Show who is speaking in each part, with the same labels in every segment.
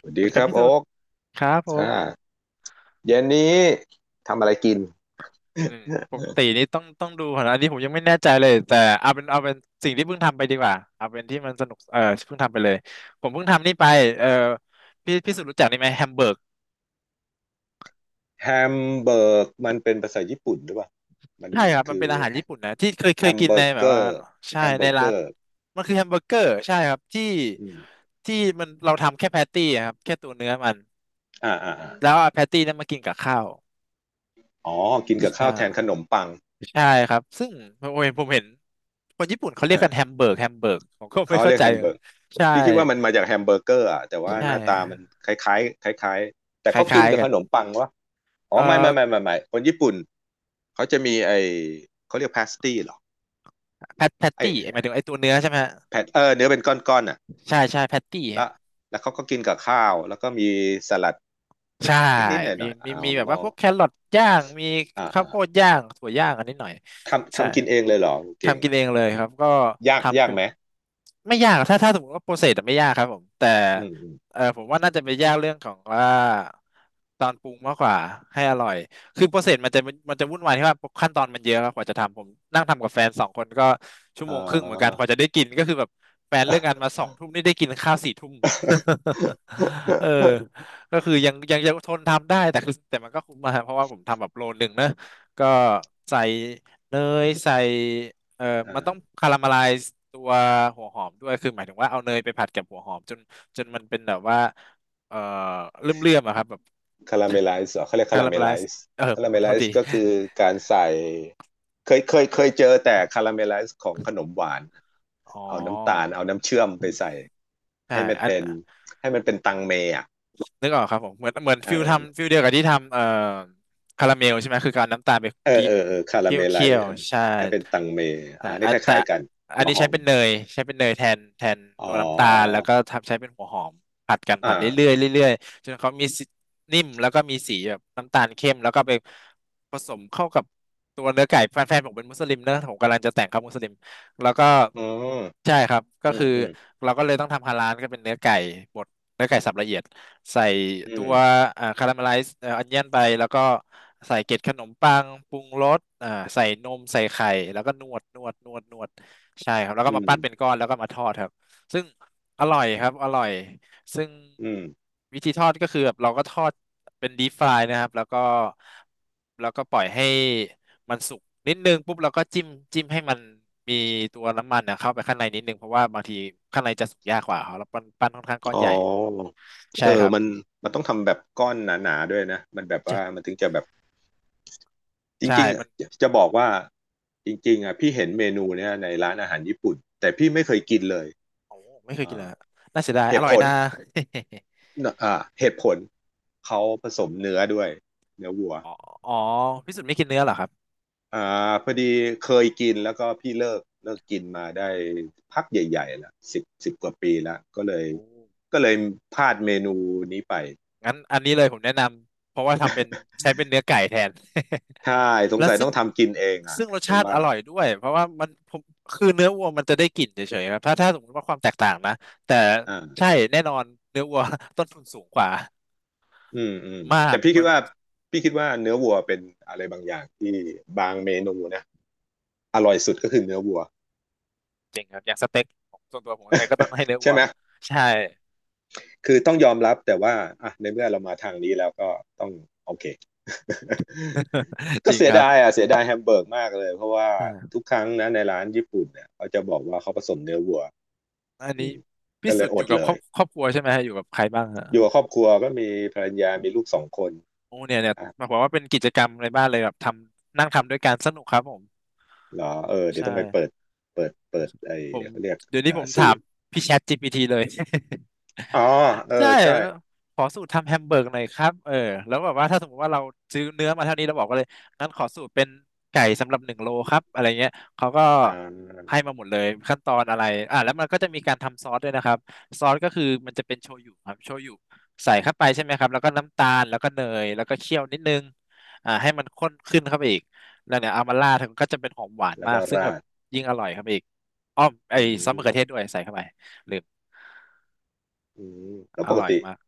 Speaker 1: สวัส
Speaker 2: สวั
Speaker 1: ดี
Speaker 2: สดี
Speaker 1: ค
Speaker 2: ครั
Speaker 1: รั
Speaker 2: บ
Speaker 1: บ
Speaker 2: พี่
Speaker 1: โอ๊
Speaker 2: สุด
Speaker 1: ก
Speaker 2: ครับผ
Speaker 1: อ่า
Speaker 2: ม
Speaker 1: เย็นนี้ทำอะไรกิน
Speaker 2: อืมปก ตินี่ต้องดูก่อนนะอันนี้ผมยังไม่แน่ใจเลยแต่เอาเป็นสิ่งที่เพิ่งทำไปดีกว่าเอาเป็นที่มันสนุกเออเพิ่งทำไปเลยผมเพิ่งทำนี่ไปเออพี่สุดรู้จักนี่ไหมแฮมเบอร์ก
Speaker 1: แฮมเบิร์ก มันเป็นภาษาญี่ปุ่นหรือเปล่ามัน
Speaker 2: ใช่ครับมั
Speaker 1: คื
Speaker 2: น
Speaker 1: อ
Speaker 2: เป็นอาหาร
Speaker 1: แ
Speaker 2: ญี่ปุ่นนะที่เคยเค
Speaker 1: ฮ
Speaker 2: ย
Speaker 1: ม
Speaker 2: กิ
Speaker 1: เบ
Speaker 2: น
Speaker 1: อ
Speaker 2: ใน
Speaker 1: ร์
Speaker 2: แบ
Speaker 1: เก
Speaker 2: บ
Speaker 1: อ
Speaker 2: ว่า
Speaker 1: ร์
Speaker 2: ใช่
Speaker 1: แฮมเบ
Speaker 2: ใน
Speaker 1: อร์เก
Speaker 2: ร้า
Speaker 1: อ
Speaker 2: น
Speaker 1: ร์
Speaker 2: มันคือแฮมเบอร์เกอร์ใช่ครับที่
Speaker 1: อืม
Speaker 2: ที่มันเราทำแค่แพตตี้อะครับแค่ตัวเนื้อมัน
Speaker 1: อ่าอ่า
Speaker 2: แล้
Speaker 1: อา
Speaker 2: วเอาแพตตี้นั้นมากินกับข้าว
Speaker 1: อ๋อกินกับข้า
Speaker 2: อ่
Speaker 1: วแทนข
Speaker 2: า
Speaker 1: นมปัง
Speaker 2: ใช่ครับ ซึ่งผมเห็นคนญี่ปุ่นเขาเรียก
Speaker 1: อ่า
Speaker 2: กันแฮมเบิร์กผมก็ไม่
Speaker 1: เขา
Speaker 2: เข้า
Speaker 1: เรียก
Speaker 2: ใจ
Speaker 1: แฮมเบิร์ก
Speaker 2: ใช่
Speaker 1: พี่คิดว่ามันมาจากแฮมเบอร์เกอร์อ่ะแต่ว่า
Speaker 2: ใช่
Speaker 1: หน้าตามันคล้ายๆคล้ายๆแต่
Speaker 2: ค
Speaker 1: เขากิน
Speaker 2: ล้าย
Speaker 1: กับ
Speaker 2: ๆกั
Speaker 1: ข
Speaker 2: น
Speaker 1: นมปังวะอ๋อ
Speaker 2: เอ่อ
Speaker 1: ไม่ไม่ไม่ไม่ไม่คนญี่ปุ่นเขาจะมีไอเขาเรียกพาสตี้เหรอ
Speaker 2: แพตแพต
Speaker 1: ไอ
Speaker 2: ตี้หมายถึงไอ้ตัวเนื้อใช่ไหมฮะ
Speaker 1: แผ่นเนื้อเป็นก้อนๆอ่ะ
Speaker 2: ใช่ใช่แพตตี้
Speaker 1: แล้วแล้วเขาก็กินกับข้าวแล้วก็มีสลัด
Speaker 2: ใช่
Speaker 1: นิดๆห
Speaker 2: มี
Speaker 1: น่อยๆ
Speaker 2: มี
Speaker 1: อ๋อ
Speaker 2: มีแบบว่าพวกแครอทย่างมี
Speaker 1: อ่า
Speaker 2: ข้า
Speaker 1: อ่า
Speaker 2: วโพดย่างถั่วย่างอันนิดหน่อย
Speaker 1: ทำ
Speaker 2: ใช่
Speaker 1: ทำกินเองเลยเหรอเก่ง
Speaker 2: ทำกิน
Speaker 1: อะ
Speaker 2: เองเลยครับก็
Speaker 1: ยาก
Speaker 2: ทำ
Speaker 1: ยา
Speaker 2: ไป
Speaker 1: กไหม
Speaker 2: ไม่ยากถ้าสมมติว่าโปรเซสไม่ยากครับผมแต่
Speaker 1: อืมอืม
Speaker 2: เออผมว่าน่าจะไปยากเรื่องของว่าตอนปรุงมากกว่า ให้อร่อยคือโปรเซสมันจะวุ่นวายที่ว่าขั้นตอนมันเยอะครับกว่าจะทำผมนั่งทำกับแฟนสองคนก็ชั่ว
Speaker 1: อ่
Speaker 2: โมงครึ่งเหมือนกันก
Speaker 1: า
Speaker 2: ว่าจะได้กินก็คือแบบแฟนเลิกงานมาสองทุ่มนี่ได้กินข้าวสี่ทุ่ม เออ ก็คือยังทนทำได้แต่คือแต่มันก็คุ้มมาเพราะว่าผมทำแบบโลหนึ่งนะก็ใส่เนยใส่เอ่อมัน
Speaker 1: อ่า
Speaker 2: ต้องคาราเมลไลซ์ตัวหัวหอมด้วยคือหมายถึงว่าเอาเนยไปผัดกับหัวหอมจนมันเป็นแบบว่าเอ่อเลื่อมอะครับแบบ
Speaker 1: คาราเมลไลซ์เหรอเขาเรียกคา
Speaker 2: คา
Speaker 1: รา
Speaker 2: รา
Speaker 1: เม
Speaker 2: เมล
Speaker 1: ล
Speaker 2: ไล
Speaker 1: ไล
Speaker 2: ซ์
Speaker 1: ซ์
Speaker 2: เออ
Speaker 1: คา
Speaker 2: ผ
Speaker 1: รา
Speaker 2: ม
Speaker 1: เม
Speaker 2: ขอ
Speaker 1: ลไล
Speaker 2: โทษที
Speaker 1: ซ์ก็คือการใส่เคยเจอแต่คาราเมลไลซ์ของขนมหวาน
Speaker 2: อ๋
Speaker 1: เอาน้ำตาล
Speaker 2: อ
Speaker 1: เอาน้ำเชื่อมไปใส่
Speaker 2: ใช่
Speaker 1: ให้มัน
Speaker 2: อัน
Speaker 1: เป็นให้มันเป็นตังเมอ่ะ
Speaker 2: นึกออกครับผมเหมือน
Speaker 1: เอ
Speaker 2: ฟิล
Speaker 1: อ
Speaker 2: ทำฟิลเดียวกับที่ทำคาราเมลใช่ไหมคือการเอาน้ำตาลไป
Speaker 1: เออ
Speaker 2: กิ๊
Speaker 1: เอ
Speaker 2: ก
Speaker 1: อเออคารา
Speaker 2: เคี่ย
Speaker 1: เม
Speaker 2: ว
Speaker 1: ลไล
Speaker 2: เคี่ย
Speaker 1: ซ์
Speaker 2: ว
Speaker 1: เออ
Speaker 2: ใช่
Speaker 1: ให้เป็นตังเม
Speaker 2: แต่
Speaker 1: อ่านี่
Speaker 2: อั
Speaker 1: ค
Speaker 2: นแต่
Speaker 1: ล้ายๆกัน
Speaker 2: อั
Speaker 1: หั
Speaker 2: น
Speaker 1: ว
Speaker 2: นี้
Speaker 1: หอ
Speaker 2: ใช้
Speaker 1: ม
Speaker 2: เป็นเนยใช้เป็นเนยแทน
Speaker 1: อ๋อ
Speaker 2: ตัวน้ำตาลแล้วก็ทำใช้เป็นหัวหอมผัดกันผัดเรื่อ
Speaker 1: อ่า
Speaker 2: ยๆเรื่อยๆจนเขามีสีนิ่มแล้วก็มีสีแบบน้ำตาลเข้มแล้วก็ไปผสมเข้ากับตัวเนื้อไก่แฟนผมเป็นมุสลิมนะผมกำลังจะแต่งครับมุสลิมแล้วก็
Speaker 1: อ๋อ
Speaker 2: ใช่ครับก็
Speaker 1: อืม
Speaker 2: คือ
Speaker 1: อืม
Speaker 2: เราก็เลยต้องทำฮาลาลก็เป็นเนื้อไก่บด เนื้อไก่สับละเอียดใส่
Speaker 1: อื
Speaker 2: ตั
Speaker 1: ม
Speaker 2: วอ่าคาราเมลไลซ์เอ่ออนเนียนไปแล้วก็ใส่เกล็ดขนมปังปรุงรสอ่าใส่นมใส่ไข่แล้วก็นวดใช่ครับแล้ว
Speaker 1: อื
Speaker 2: ก็มา
Speaker 1: ม
Speaker 2: ปั้นเป็นก้อนแล้วก็มาทอดครับซึ่งอร่อยครับอร่อยซึ่ง
Speaker 1: อืม
Speaker 2: วิธีทอดก็คือแบบเราก็ทอดเป็นดีฟรายนะครับแล้วก็ปล่อยให้มันสุกนิดนึงปุ๊บเราก็จิ้มจิ้มให้มันมีตัวน้ำมันนะเข้าไปข้างในนิดนึงเพราะว่าบางทีข้างในจะสุกยากกว่าครับแล้วปั้นค่อนข้างก้อ
Speaker 1: อ๋
Speaker 2: น
Speaker 1: อ
Speaker 2: ใหญ่ ใช่
Speaker 1: เอ
Speaker 2: ค
Speaker 1: อ
Speaker 2: รับ
Speaker 1: มันมันต้องทำแบบก้อนหนาๆด้วยนะมันแบบว่า
Speaker 2: ใช่
Speaker 1: มันถึงจะแบบจ
Speaker 2: ใช่
Speaker 1: ริงๆ
Speaker 2: มั
Speaker 1: อ่ะ
Speaker 2: น
Speaker 1: จะจะบอกว่าจริงๆอ่ะพี่เห็นเมนูเนี้ยในร้านอาหารญี่ปุ่นแต่พี่ไม่เคยกินเลย
Speaker 2: โอ้ไม่เคยกินเล
Speaker 1: อ่า
Speaker 2: ยอะน่าเสียดาย
Speaker 1: เห
Speaker 2: อ
Speaker 1: ตุ
Speaker 2: ร่อ
Speaker 1: ผ
Speaker 2: ย
Speaker 1: ล
Speaker 2: นะ
Speaker 1: อ่าเหตุผลเขาผสมเนื้อด้วยเนื้อวัว
Speaker 2: อ๋ออ๋อพี่สุดไม่กินเนื้อเหรอครับ
Speaker 1: อ่าพอดีเคยกินแล้วก็พี่เลิกกินมาได้พักใหญ่ๆละสิบสิบกว่าปีละก็เลย
Speaker 2: โอ้
Speaker 1: ก็เลยพลาดเมนูนี้ไป
Speaker 2: งั้นอันนี้เลยผมแนะนำเพราะว่าทำเป็นใช้เป็นเนื้อไก่แทน
Speaker 1: ใช่ส ง
Speaker 2: แล้ว
Speaker 1: สัยต้
Speaker 2: ซึ่
Speaker 1: อ
Speaker 2: ง
Speaker 1: งทำกินเองอ่ะ
Speaker 2: ซึ่งรส
Speaker 1: เพราะ
Speaker 2: ชาติ
Speaker 1: ว่า
Speaker 2: อร่อยด้วยเพราะว่ามันผมคือเนื้อวัวมันจะได้กลิ่นเฉยๆครับถ้าสมมติว่าความแตกต่างนะแต่ใช่
Speaker 1: อ่า
Speaker 2: แน่นอนเนื้อวัว ต้นทุนสูงกว่า
Speaker 1: อืมอืม
Speaker 2: มา
Speaker 1: แต่
Speaker 2: ก
Speaker 1: พี่
Speaker 2: เพ
Speaker 1: คิด
Speaker 2: ราะ
Speaker 1: ว่าพี่คิดว่าเนื้อวัวเป็นอะไรบางอย่างที่บางเมนูนะอร่อยสุดก็คือเนื้อวัว
Speaker 2: จริงครับอย่างสเต็กของส่วนตัวผมยังไงก็ต้องให้เนื้อ
Speaker 1: ใช่
Speaker 2: วัว
Speaker 1: ไหม
Speaker 2: ใช่
Speaker 1: คือต้องยอมรับแต่ว่าอ่ะในเมื่อเรามาทางนี้แล้วก็ต้องโอเค
Speaker 2: จ
Speaker 1: ก็
Speaker 2: ริง
Speaker 1: เสีย
Speaker 2: ครับ
Speaker 1: ดายอ่ะเสียดายแฮมเบอร์กมากเลยเพราะว่าทุกครั้งนะในร้านญี่ปุ่นเนี่ยเขาจะบอกว่าเขาผสมเนื้อวัว
Speaker 2: อัน
Speaker 1: อื
Speaker 2: นี้
Speaker 1: มก็
Speaker 2: พี่
Speaker 1: เล
Speaker 2: สุ
Speaker 1: ย
Speaker 2: ด
Speaker 1: อ
Speaker 2: อยู่
Speaker 1: ด
Speaker 2: กับ
Speaker 1: เล
Speaker 2: คร
Speaker 1: ย
Speaker 2: อบครอบครัวใช่ไหมฮะอยู่กับใครบ้างฮะ
Speaker 1: อยู่กับครอบครัวก็มีภรรยามีลูกสองคน
Speaker 2: โอ้เนี่ยเนี่ยบอกว่าเป็นกิจกรรมในบ้านเลยแบบทำนั่งทำด้วยกันสนุกครับผม
Speaker 1: เหรอเออเดี๋ยว
Speaker 2: ใช่
Speaker 1: ต้องไปเปิดเปิดไอ้
Speaker 2: ผม
Speaker 1: เขาเรียก
Speaker 2: เดี๋ยวนี้
Speaker 1: อ่า
Speaker 2: ผม
Speaker 1: สู
Speaker 2: ถาม
Speaker 1: ตร
Speaker 2: พี่แชท GPT เลย
Speaker 1: อ๋อเออ
Speaker 2: ใช่
Speaker 1: ใช่
Speaker 2: ขอสูตรทำแฮมเบอร์กหน่อยครับเออแล้วแบบว่าถ้าสมมติว่าเราซื้อเนื้อมาเท่านี้เราบอกก็เลยงั้นขอสูตรเป็นไก่สำหรับหนึ่งโลครับอะไรเงี้ยเขาก็
Speaker 1: อ่า
Speaker 2: ให้มาหมดเลยขั้นตอนอะไรอ่ะแล้วมันก็จะมีการทำซอสด้วยนะครับซอสก็คือมันจะเป็นโชยุครับโชยุใส่เข้าไปใช่ไหมครับแล้วก็น้ำตาลแล้วก็เนยแล้วก็เคี่ยวนิดนึงอ่าให้มันข้นขึ้นเข้าไปอีกแล้วเนี่ยเอามาราดก็จะเป็นหอมหวาน
Speaker 1: แล้ว
Speaker 2: มา
Speaker 1: ก็
Speaker 2: กซึ่งแบ
Speaker 1: รา
Speaker 2: บ
Speaker 1: ด
Speaker 2: ยิ่งอร่อยครับอีกอ้อม
Speaker 1: อื
Speaker 2: ไอ้ซอสมะ
Speaker 1: ม
Speaker 2: เขือเทศด้วยใส่เข้าไปลืม
Speaker 1: อืมแล้ว
Speaker 2: อ
Speaker 1: ปก
Speaker 2: ร่อย
Speaker 1: ติ
Speaker 2: มาก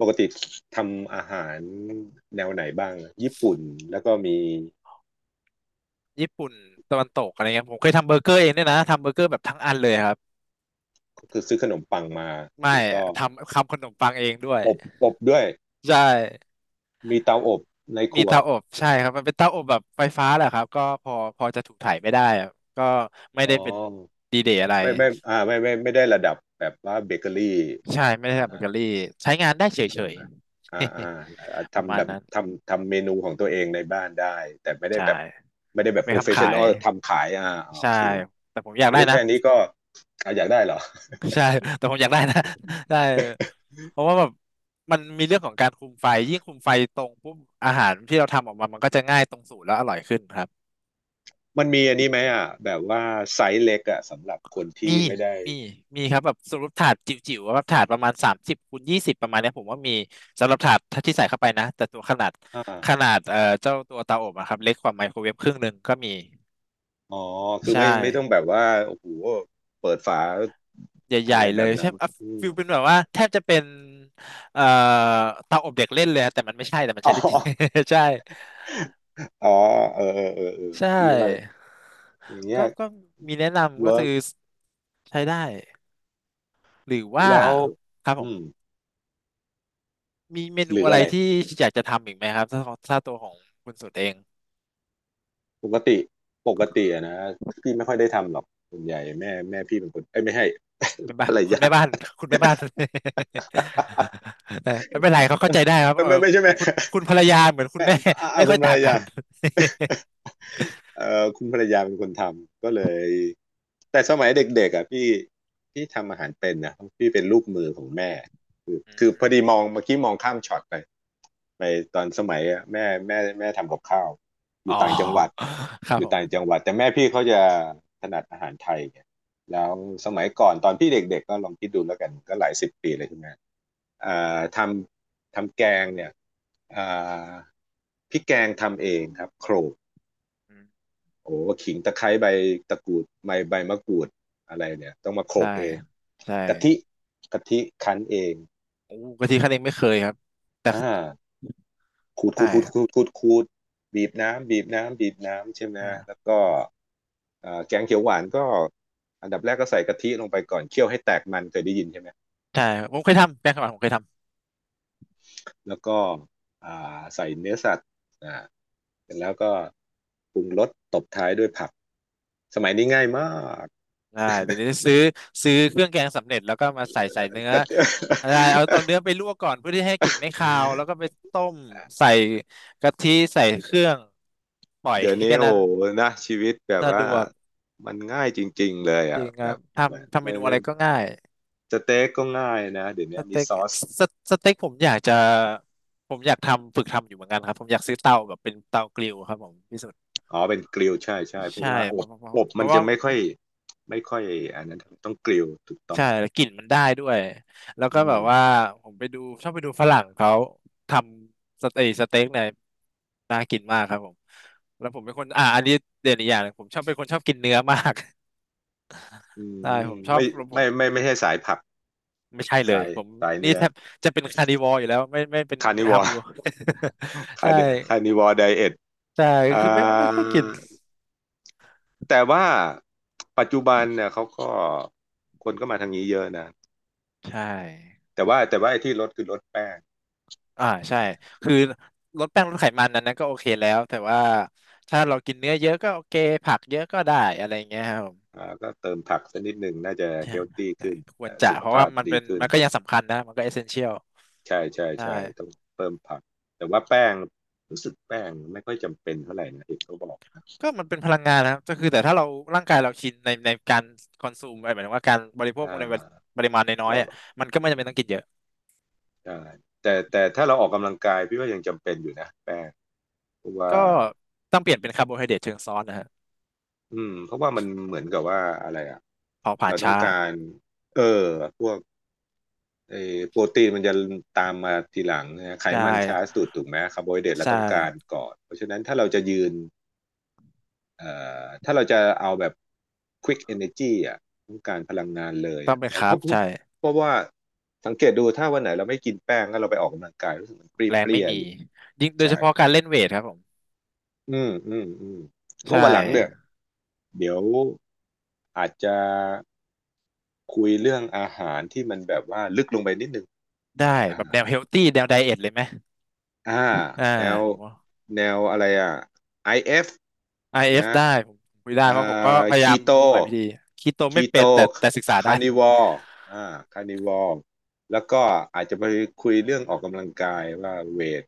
Speaker 1: ปกติทำอาหารแนวไหนบ้างอะญี่ปุ่นแล้วก็มี
Speaker 2: ญี่ปุ่นตะวันตกอะไรเงี้ยผมเคยทำเบอร์เกอร์เองด้วยนะทำเบอร์เกอร์แบบทั้งอันเลยครับ
Speaker 1: คือซื้อขนมปังมา
Speaker 2: ไม่
Speaker 1: แล้วก็
Speaker 2: ทำขนมปังเองด้วย
Speaker 1: อบอบด้วย
Speaker 2: ใช่
Speaker 1: มีเตาอบในค
Speaker 2: มี
Speaker 1: รัว
Speaker 2: เตาอบใช่ครับมันเป็นเตาอบแบบไฟฟ้าแหละครับก็พอจะถูกถ่ายไม่ได้อะก็ไม่
Speaker 1: อ๋
Speaker 2: ได้
Speaker 1: อ
Speaker 2: เป็นดีเดย์อะไร
Speaker 1: ไม่ไม่ได้ระดับแบบว่าเบเกอรี่
Speaker 2: ใช่ไม่ได้
Speaker 1: อ่า
Speaker 2: ทำเบเกอรี่ใช้งานได้เฉย
Speaker 1: อ่าอ่า
Speaker 2: ๆ
Speaker 1: อ่า
Speaker 2: ประ
Speaker 1: ทำ
Speaker 2: มา
Speaker 1: แบ
Speaker 2: ณ
Speaker 1: บ
Speaker 2: นั้น
Speaker 1: ทำเมนูของตัวเองในบ้านได้ แต่ไม่ได้
Speaker 2: ใช่
Speaker 1: แบบไม่ได้แบ
Speaker 2: เอา
Speaker 1: บ
Speaker 2: ไป
Speaker 1: โป
Speaker 2: ท
Speaker 1: รเฟ
Speaker 2: คำ
Speaker 1: ช
Speaker 2: ขา
Speaker 1: ชั่นอ
Speaker 2: ย
Speaker 1: ลทำขายอ่าโอ
Speaker 2: ใช่
Speaker 1: เค
Speaker 2: แต่ผมอยาก
Speaker 1: โอ้
Speaker 2: ได้
Speaker 1: ย
Speaker 2: นะ
Speaker 1: แค่
Speaker 2: ผม
Speaker 1: นี้ก็อ่ะอยากได้เหรอ
Speaker 2: ใช่ แต่ผมอยากได้นะ ได้เพราะว่าแบบมันมีเรื่องของการคุมไฟยิ่งคุมไฟตรงปุ๊บอาหารที่เราทำออกมา มันก็จะง่ายตรงสูตรแล้วอร่อยขึ้นครับ
Speaker 1: มันมีอันนี้ไหมอ่ะแบบว่าไซส์เล็กอ่ะสำหรับคน
Speaker 2: มี
Speaker 1: ที่ไม่ได้
Speaker 2: มีมีครับแบบสำหรับถาดจิ๋วๆว่าถาดประมาณ30 คูณ 20ประมาณเนี้ยผมว่ามีสำหรับถาดที่ใส่เข้าไปนะแต่ตัวขนาด
Speaker 1: อ่า
Speaker 2: ขนาดเจ้าตัวเตาอบอะครับเล็กกว่าไมโครเวฟครึ่งหนึ่งก็มี
Speaker 1: อ๋อ คือ
Speaker 2: ใช่
Speaker 1: ไม่ต้องแบบว่าโอ้โหเปิดฝา
Speaker 2: ให
Speaker 1: อะ
Speaker 2: ญ่
Speaker 1: ไร
Speaker 2: ๆเล
Speaker 1: แบ
Speaker 2: ย
Speaker 1: บ
Speaker 2: ใช่
Speaker 1: นั้น
Speaker 2: อ่ะ
Speaker 1: อืม
Speaker 2: ฟิลเป็นแบบว่าแทบจะเป็นเอ่อเตาอบเด็กเล่นเลยอะแต่มันไม่ใช่แต่มัน
Speaker 1: อ๋
Speaker 2: ใช้ได้จริง
Speaker 1: อ
Speaker 2: ใช่
Speaker 1: อ๋อเออเออเออเออ
Speaker 2: ใช
Speaker 1: พี่ว่า
Speaker 2: ่
Speaker 1: อย่างเงี้
Speaker 2: ก็
Speaker 1: ย
Speaker 2: ก็มีแนะนำก็
Speaker 1: เวิ
Speaker 2: คื
Speaker 1: ร์ก
Speaker 2: อใช้ได้หรือว่า
Speaker 1: แล้ว
Speaker 2: ครับผ
Speaker 1: อื
Speaker 2: ม
Speaker 1: ม
Speaker 2: มีเม
Speaker 1: ห
Speaker 2: นู
Speaker 1: รือ
Speaker 2: อะ
Speaker 1: อะ
Speaker 2: ไร
Speaker 1: ไร
Speaker 2: ที่อยากจะทำอีกไหมครับถ้าถ้าตัวของคุณสุดเอง
Speaker 1: ปกติปกติอะนะพี่ไม่ค่อยได้ทำหรอกส่วนใหญ่แม่พี่เป็นคนเอ้ยไม่ให้
Speaker 2: แม่
Speaker 1: ภ
Speaker 2: บ้า
Speaker 1: ร
Speaker 2: น
Speaker 1: ร
Speaker 2: คุณ
Speaker 1: ยา
Speaker 2: แม่บ้าน คุณแม่บ้าน แต่ไม่เป็นไรเขา เข้าใจได้ครับ
Speaker 1: ไม่
Speaker 2: เออ
Speaker 1: ไม่ไม่ใช่แม่
Speaker 2: คุณ คุณภรรยาเหมือนคุณ
Speaker 1: แม่
Speaker 2: แม่
Speaker 1: อ่ะ อ่ะ
Speaker 2: ไม่
Speaker 1: คุ
Speaker 2: ค่อ
Speaker 1: ณ
Speaker 2: ย
Speaker 1: ภร
Speaker 2: ต่า
Speaker 1: ร
Speaker 2: งกั
Speaker 1: ยา
Speaker 2: น
Speaker 1: เออคุณภรรยาเป็นคนทำก็เลยแต่สมัยเด็กๆอ่ะพี่พี่ทำอาหารเป็นนะพี่เป็นลูกมือของแม่คือ
Speaker 2: อื
Speaker 1: คือพอดี
Speaker 2: ม
Speaker 1: มองเมื่อกี้มองข้ามช็อตไปไปตอนสมัยอะแม่ทำกับข้าวอ
Speaker 2: อ๋
Speaker 1: ยู่
Speaker 2: อ
Speaker 1: ต่างจังหวัด
Speaker 2: ครั
Speaker 1: อ
Speaker 2: บ
Speaker 1: ยู่
Speaker 2: ผ
Speaker 1: ต่าง
Speaker 2: ม
Speaker 1: จังหวัดแต่แม่พี่เขาจะถนัดอาหารไทยไงแล้วสมัยก่อนตอนพี่เด็กๆก็ลองคิดดูแล้วกันก็หลายสิบปีเลยที่แม่อ่าทำแกงเนี่ยอ่าพริกแกงทำเองครับโขลก
Speaker 2: อืม
Speaker 1: โอ้ขิงตะไคร้ใบตะกรูดใบมะกรูดอะไรเนี่ยต้องมาโขล
Speaker 2: ใช่
Speaker 1: กเอง
Speaker 2: ใช่
Speaker 1: กะทิกะทิคั้นเอง
Speaker 2: โอ้กะทิคั้นเองไม่เคยครับแต่
Speaker 1: อ่า
Speaker 2: ใช่
Speaker 1: ขูดบีบน้ำใช่ไหมแล้
Speaker 2: อ่า
Speaker 1: วก็อ่าแกงเขียวหวานก็อันดับแรกก็ใส่กะทิลงไปก่อนเคี่ยวให้แตกมันเคยได้ยินใช่ไหม
Speaker 2: ใช่ผมเคยทำแป้งข้าวหวานผมเคยทำ
Speaker 1: แล้วก็อ่าใส่เนื้อสัตว์อ่าเสร็จแล้วก็ปรุงรสตบท้ายด้วยผักสมัยนี้ง่ายมาก
Speaker 2: ได้เดี๋ยวนี้ซื้อเครื่องแกงสำเร็จแล้วก็มาใส่เนื้อได้เอาเนื้อไปลวกก่อนเพื่อที่ให้กลิ่นไม่คาวแล้ วก็ไปต้มใส่กะทิใส่เครื่องปล่อย
Speaker 1: เดี๋ยว นี้
Speaker 2: แค่
Speaker 1: โอ้
Speaker 2: นั้น
Speaker 1: โหนะชีวิตแบบ
Speaker 2: สะด
Speaker 1: ว่า
Speaker 2: วก
Speaker 1: มันง่ายจริงๆเลย
Speaker 2: จ
Speaker 1: อ่ะ
Speaker 2: ริงค
Speaker 1: แบ
Speaker 2: รับ
Speaker 1: บ
Speaker 2: ทำ
Speaker 1: ไม่
Speaker 2: เมนู
Speaker 1: ไม่
Speaker 2: อะไรก็ง่าย
Speaker 1: สเต็กก็ง่ายนะเดี๋ยว
Speaker 2: ส
Speaker 1: นี้มี
Speaker 2: เต็ก
Speaker 1: ซอส
Speaker 2: สสเต็กผมอยากจะผมอยากทำฝึกทำอยู่เหมือนกันครับผมอยากซื้อเตาแบบเป็นเตากริลครับผมพี่สุด
Speaker 1: อ๋อเป็นกริลใช่ใช่เพราะ
Speaker 2: ใช่
Speaker 1: ว่าอ
Speaker 2: เพ
Speaker 1: บ
Speaker 2: ราะเพราะ
Speaker 1: อบ
Speaker 2: เพ
Speaker 1: มัน
Speaker 2: ราะ
Speaker 1: จะ
Speaker 2: ว่า
Speaker 1: ไม่ค่อยอันนั้นต้องกริลถูกต้อง
Speaker 2: ใช่แล้วกลิ่นมันได้ด้วยแล้วก็
Speaker 1: อื
Speaker 2: แบ
Speaker 1: ม
Speaker 2: บว่าผมไปดูชอบไปดูฝรั่งเขาทำสเต็กสเต็กเนี่ยน่ากินมากครับผมแล้วผมเป็นคนอ่าอันนี้เด่นอีกอย่างหนึ่งผมชอบเป็นคนชอบกินเนื้อมาก
Speaker 1: อืม
Speaker 2: ใช่
Speaker 1: ไม่
Speaker 2: ผมชอ
Speaker 1: ไม่
Speaker 2: บผ
Speaker 1: ไม่
Speaker 2: ม
Speaker 1: ไม่ไม่ใช่สายผัก
Speaker 2: ไม่ใช่เล
Speaker 1: สา
Speaker 2: ย
Speaker 1: ย
Speaker 2: ผม
Speaker 1: สาย
Speaker 2: นี่
Speaker 1: เนื้อ
Speaker 2: แทบจะเป็นคาร์นิวอร์อยู่แล้วไม่ไม่เป็น
Speaker 1: คานิว
Speaker 2: ฮา
Speaker 1: อ
Speaker 2: ร์บ
Speaker 1: ร์ คา
Speaker 2: ใช่
Speaker 1: คานิวอร์ไดเอท
Speaker 2: ใช่
Speaker 1: อ่า
Speaker 2: คือไม่ไม่ค่อยกิน
Speaker 1: แต่ว่าปัจจุบันเนี่ยเขาก็คนก็มาทางนี้เยอะนะ
Speaker 2: ใช่
Speaker 1: แต่ว่าไอ้ที่ลดคือลดแป้ง
Speaker 2: อ่าใช่คือลดแป้งลดไขมันนั้นนะก็โอเคแล้วแต่ว่าถ้าเรากินเนื้อเยอะก็โอเคผักเยอะก็ได้อะไรเงี้ยครับผม
Speaker 1: อ่าก็เติมผักสักนิดหนึ่งน่าจะ
Speaker 2: ใช
Speaker 1: เฮลตี้
Speaker 2: ่
Speaker 1: ขึ้น
Speaker 2: ควร
Speaker 1: อ่า
Speaker 2: จะ
Speaker 1: สุข
Speaker 2: เพราะ
Speaker 1: ภา
Speaker 2: ว่า
Speaker 1: พ
Speaker 2: มัน
Speaker 1: ดี
Speaker 2: เป็น
Speaker 1: ขึ้น
Speaker 2: มันก็ยังสำคัญนะมันก็เอเซนเชียล
Speaker 1: ใช่ใช่
Speaker 2: ใ
Speaker 1: ใช่ต้อ
Speaker 2: ช่
Speaker 1: งเพิ่มผักแต่ว่าแป้งรู้สึกแป้งไม่ค่อยจำเป็นเท่าไหร่นะเห็นเขาบอก
Speaker 2: ก็มันเป็นพลังงานนะครับก็คือแต่ถ้าเราร่างกายเราชินในการคอนซูมหมายถึงว่าการบริโภค
Speaker 1: อ่า
Speaker 2: ในปริมาณน้อย
Speaker 1: เรา
Speaker 2: ๆอ่ะมันก็ไม่จำเป็นต้องกินเยอะ
Speaker 1: ใช่แต่แต่ถ้าเราออกกำลังกายพี่ว่ายังจำเป็นอยู่นะแป้งเพราะว่า
Speaker 2: ก็ต้องเปลี่ยนเป็นคาร์โบไฮเดรตเชิงซ้อนนะฮะ
Speaker 1: อืมเพราะว่ามันเหมือนกับว่าอะไรอ่ะ
Speaker 2: เผาผลา
Speaker 1: เรา
Speaker 2: ญ
Speaker 1: ต้อ
Speaker 2: ช้า
Speaker 1: งการเออพวกไอ้โปรตีนมันจะตามมาทีหลังนะไข
Speaker 2: ได้
Speaker 1: มันช้าสุดถูกไหมคาร์โบไฮเดรตเรา
Speaker 2: ใช่
Speaker 1: ต้องการก่อนเพราะฉะนั้นถ้าเราจะยืน เอ่ถ้าเราจะเอาแบบ quick energy อ่ะต้องการพลังงานเลย
Speaker 2: ต้อง
Speaker 1: อะ
Speaker 2: เป็น
Speaker 1: เพ
Speaker 2: คาร์บ
Speaker 1: ราะเพราะ
Speaker 2: ใช่
Speaker 1: เพราะว่าสังเกตดูถ้าวันไหนเราไม่กินแป้งแล้วเราไปออกกำลังกายรู้สึกมันเป
Speaker 2: แรงไม่
Speaker 1: รี้ย
Speaker 2: มี
Speaker 1: ๆอยู่
Speaker 2: ยิ่งโดยเฉ
Speaker 1: ใช่
Speaker 2: พาะการเล่นเวทครับผม
Speaker 1: อืมอืมอืมก็
Speaker 2: ใช่
Speaker 1: วันหลังเนี่ยเดี๋ยวอาจจะคุยเรื่องอาหารที่มันแบบว่าลึกลงไปนิดนึง
Speaker 2: ได้
Speaker 1: อ่า
Speaker 2: แบบแนวเฮลตี้แนวไดเอทเลยไหม
Speaker 1: อ่า
Speaker 2: อ่า
Speaker 1: แนว
Speaker 2: ผมว่า
Speaker 1: แนวอะไรอ่ะ IF นะ
Speaker 2: IF ได้ผมคุยได้
Speaker 1: อ่า
Speaker 2: เพราะผมก็พยา
Speaker 1: คี
Speaker 2: ยาม
Speaker 1: โต
Speaker 2: หลายวิธีคีโต
Speaker 1: คี
Speaker 2: ไม่
Speaker 1: โต
Speaker 2: เป็นแต่แต่ศึกษา
Speaker 1: คา
Speaker 2: ได้
Speaker 1: ร์นิวอลอ่าคาร์นิวอลแล้วก็อาจจะไปคุยเรื่องออกกำลังกายว่าเวท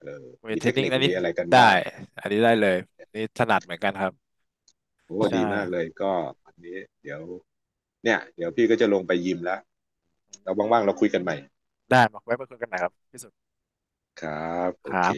Speaker 1: เออ
Speaker 2: เวท
Speaker 1: มี
Speaker 2: เทร
Speaker 1: เท
Speaker 2: น
Speaker 1: ค
Speaker 2: นิ่ง
Speaker 1: นิค
Speaker 2: อันนี้
Speaker 1: มี
Speaker 2: ผ
Speaker 1: อะ
Speaker 2: ม
Speaker 1: ไรกัน
Speaker 2: ได้
Speaker 1: บ้าง
Speaker 2: อันนี้ได้เลยนี่ถนัดเหมือนกันครับ
Speaker 1: โอ้
Speaker 2: ใช่
Speaker 1: ดีมากเลยก็อันนี้เดี๋ยวเนี่ยเดี๋ยวพี่ก็จะลงไปยิมแล้วเราว่างๆเราคุยกันใหม่
Speaker 2: ได้มาไว้มาคุยกันใหม่ครับพี่สุด
Speaker 1: ครับโอ
Speaker 2: ครั
Speaker 1: เค
Speaker 2: บ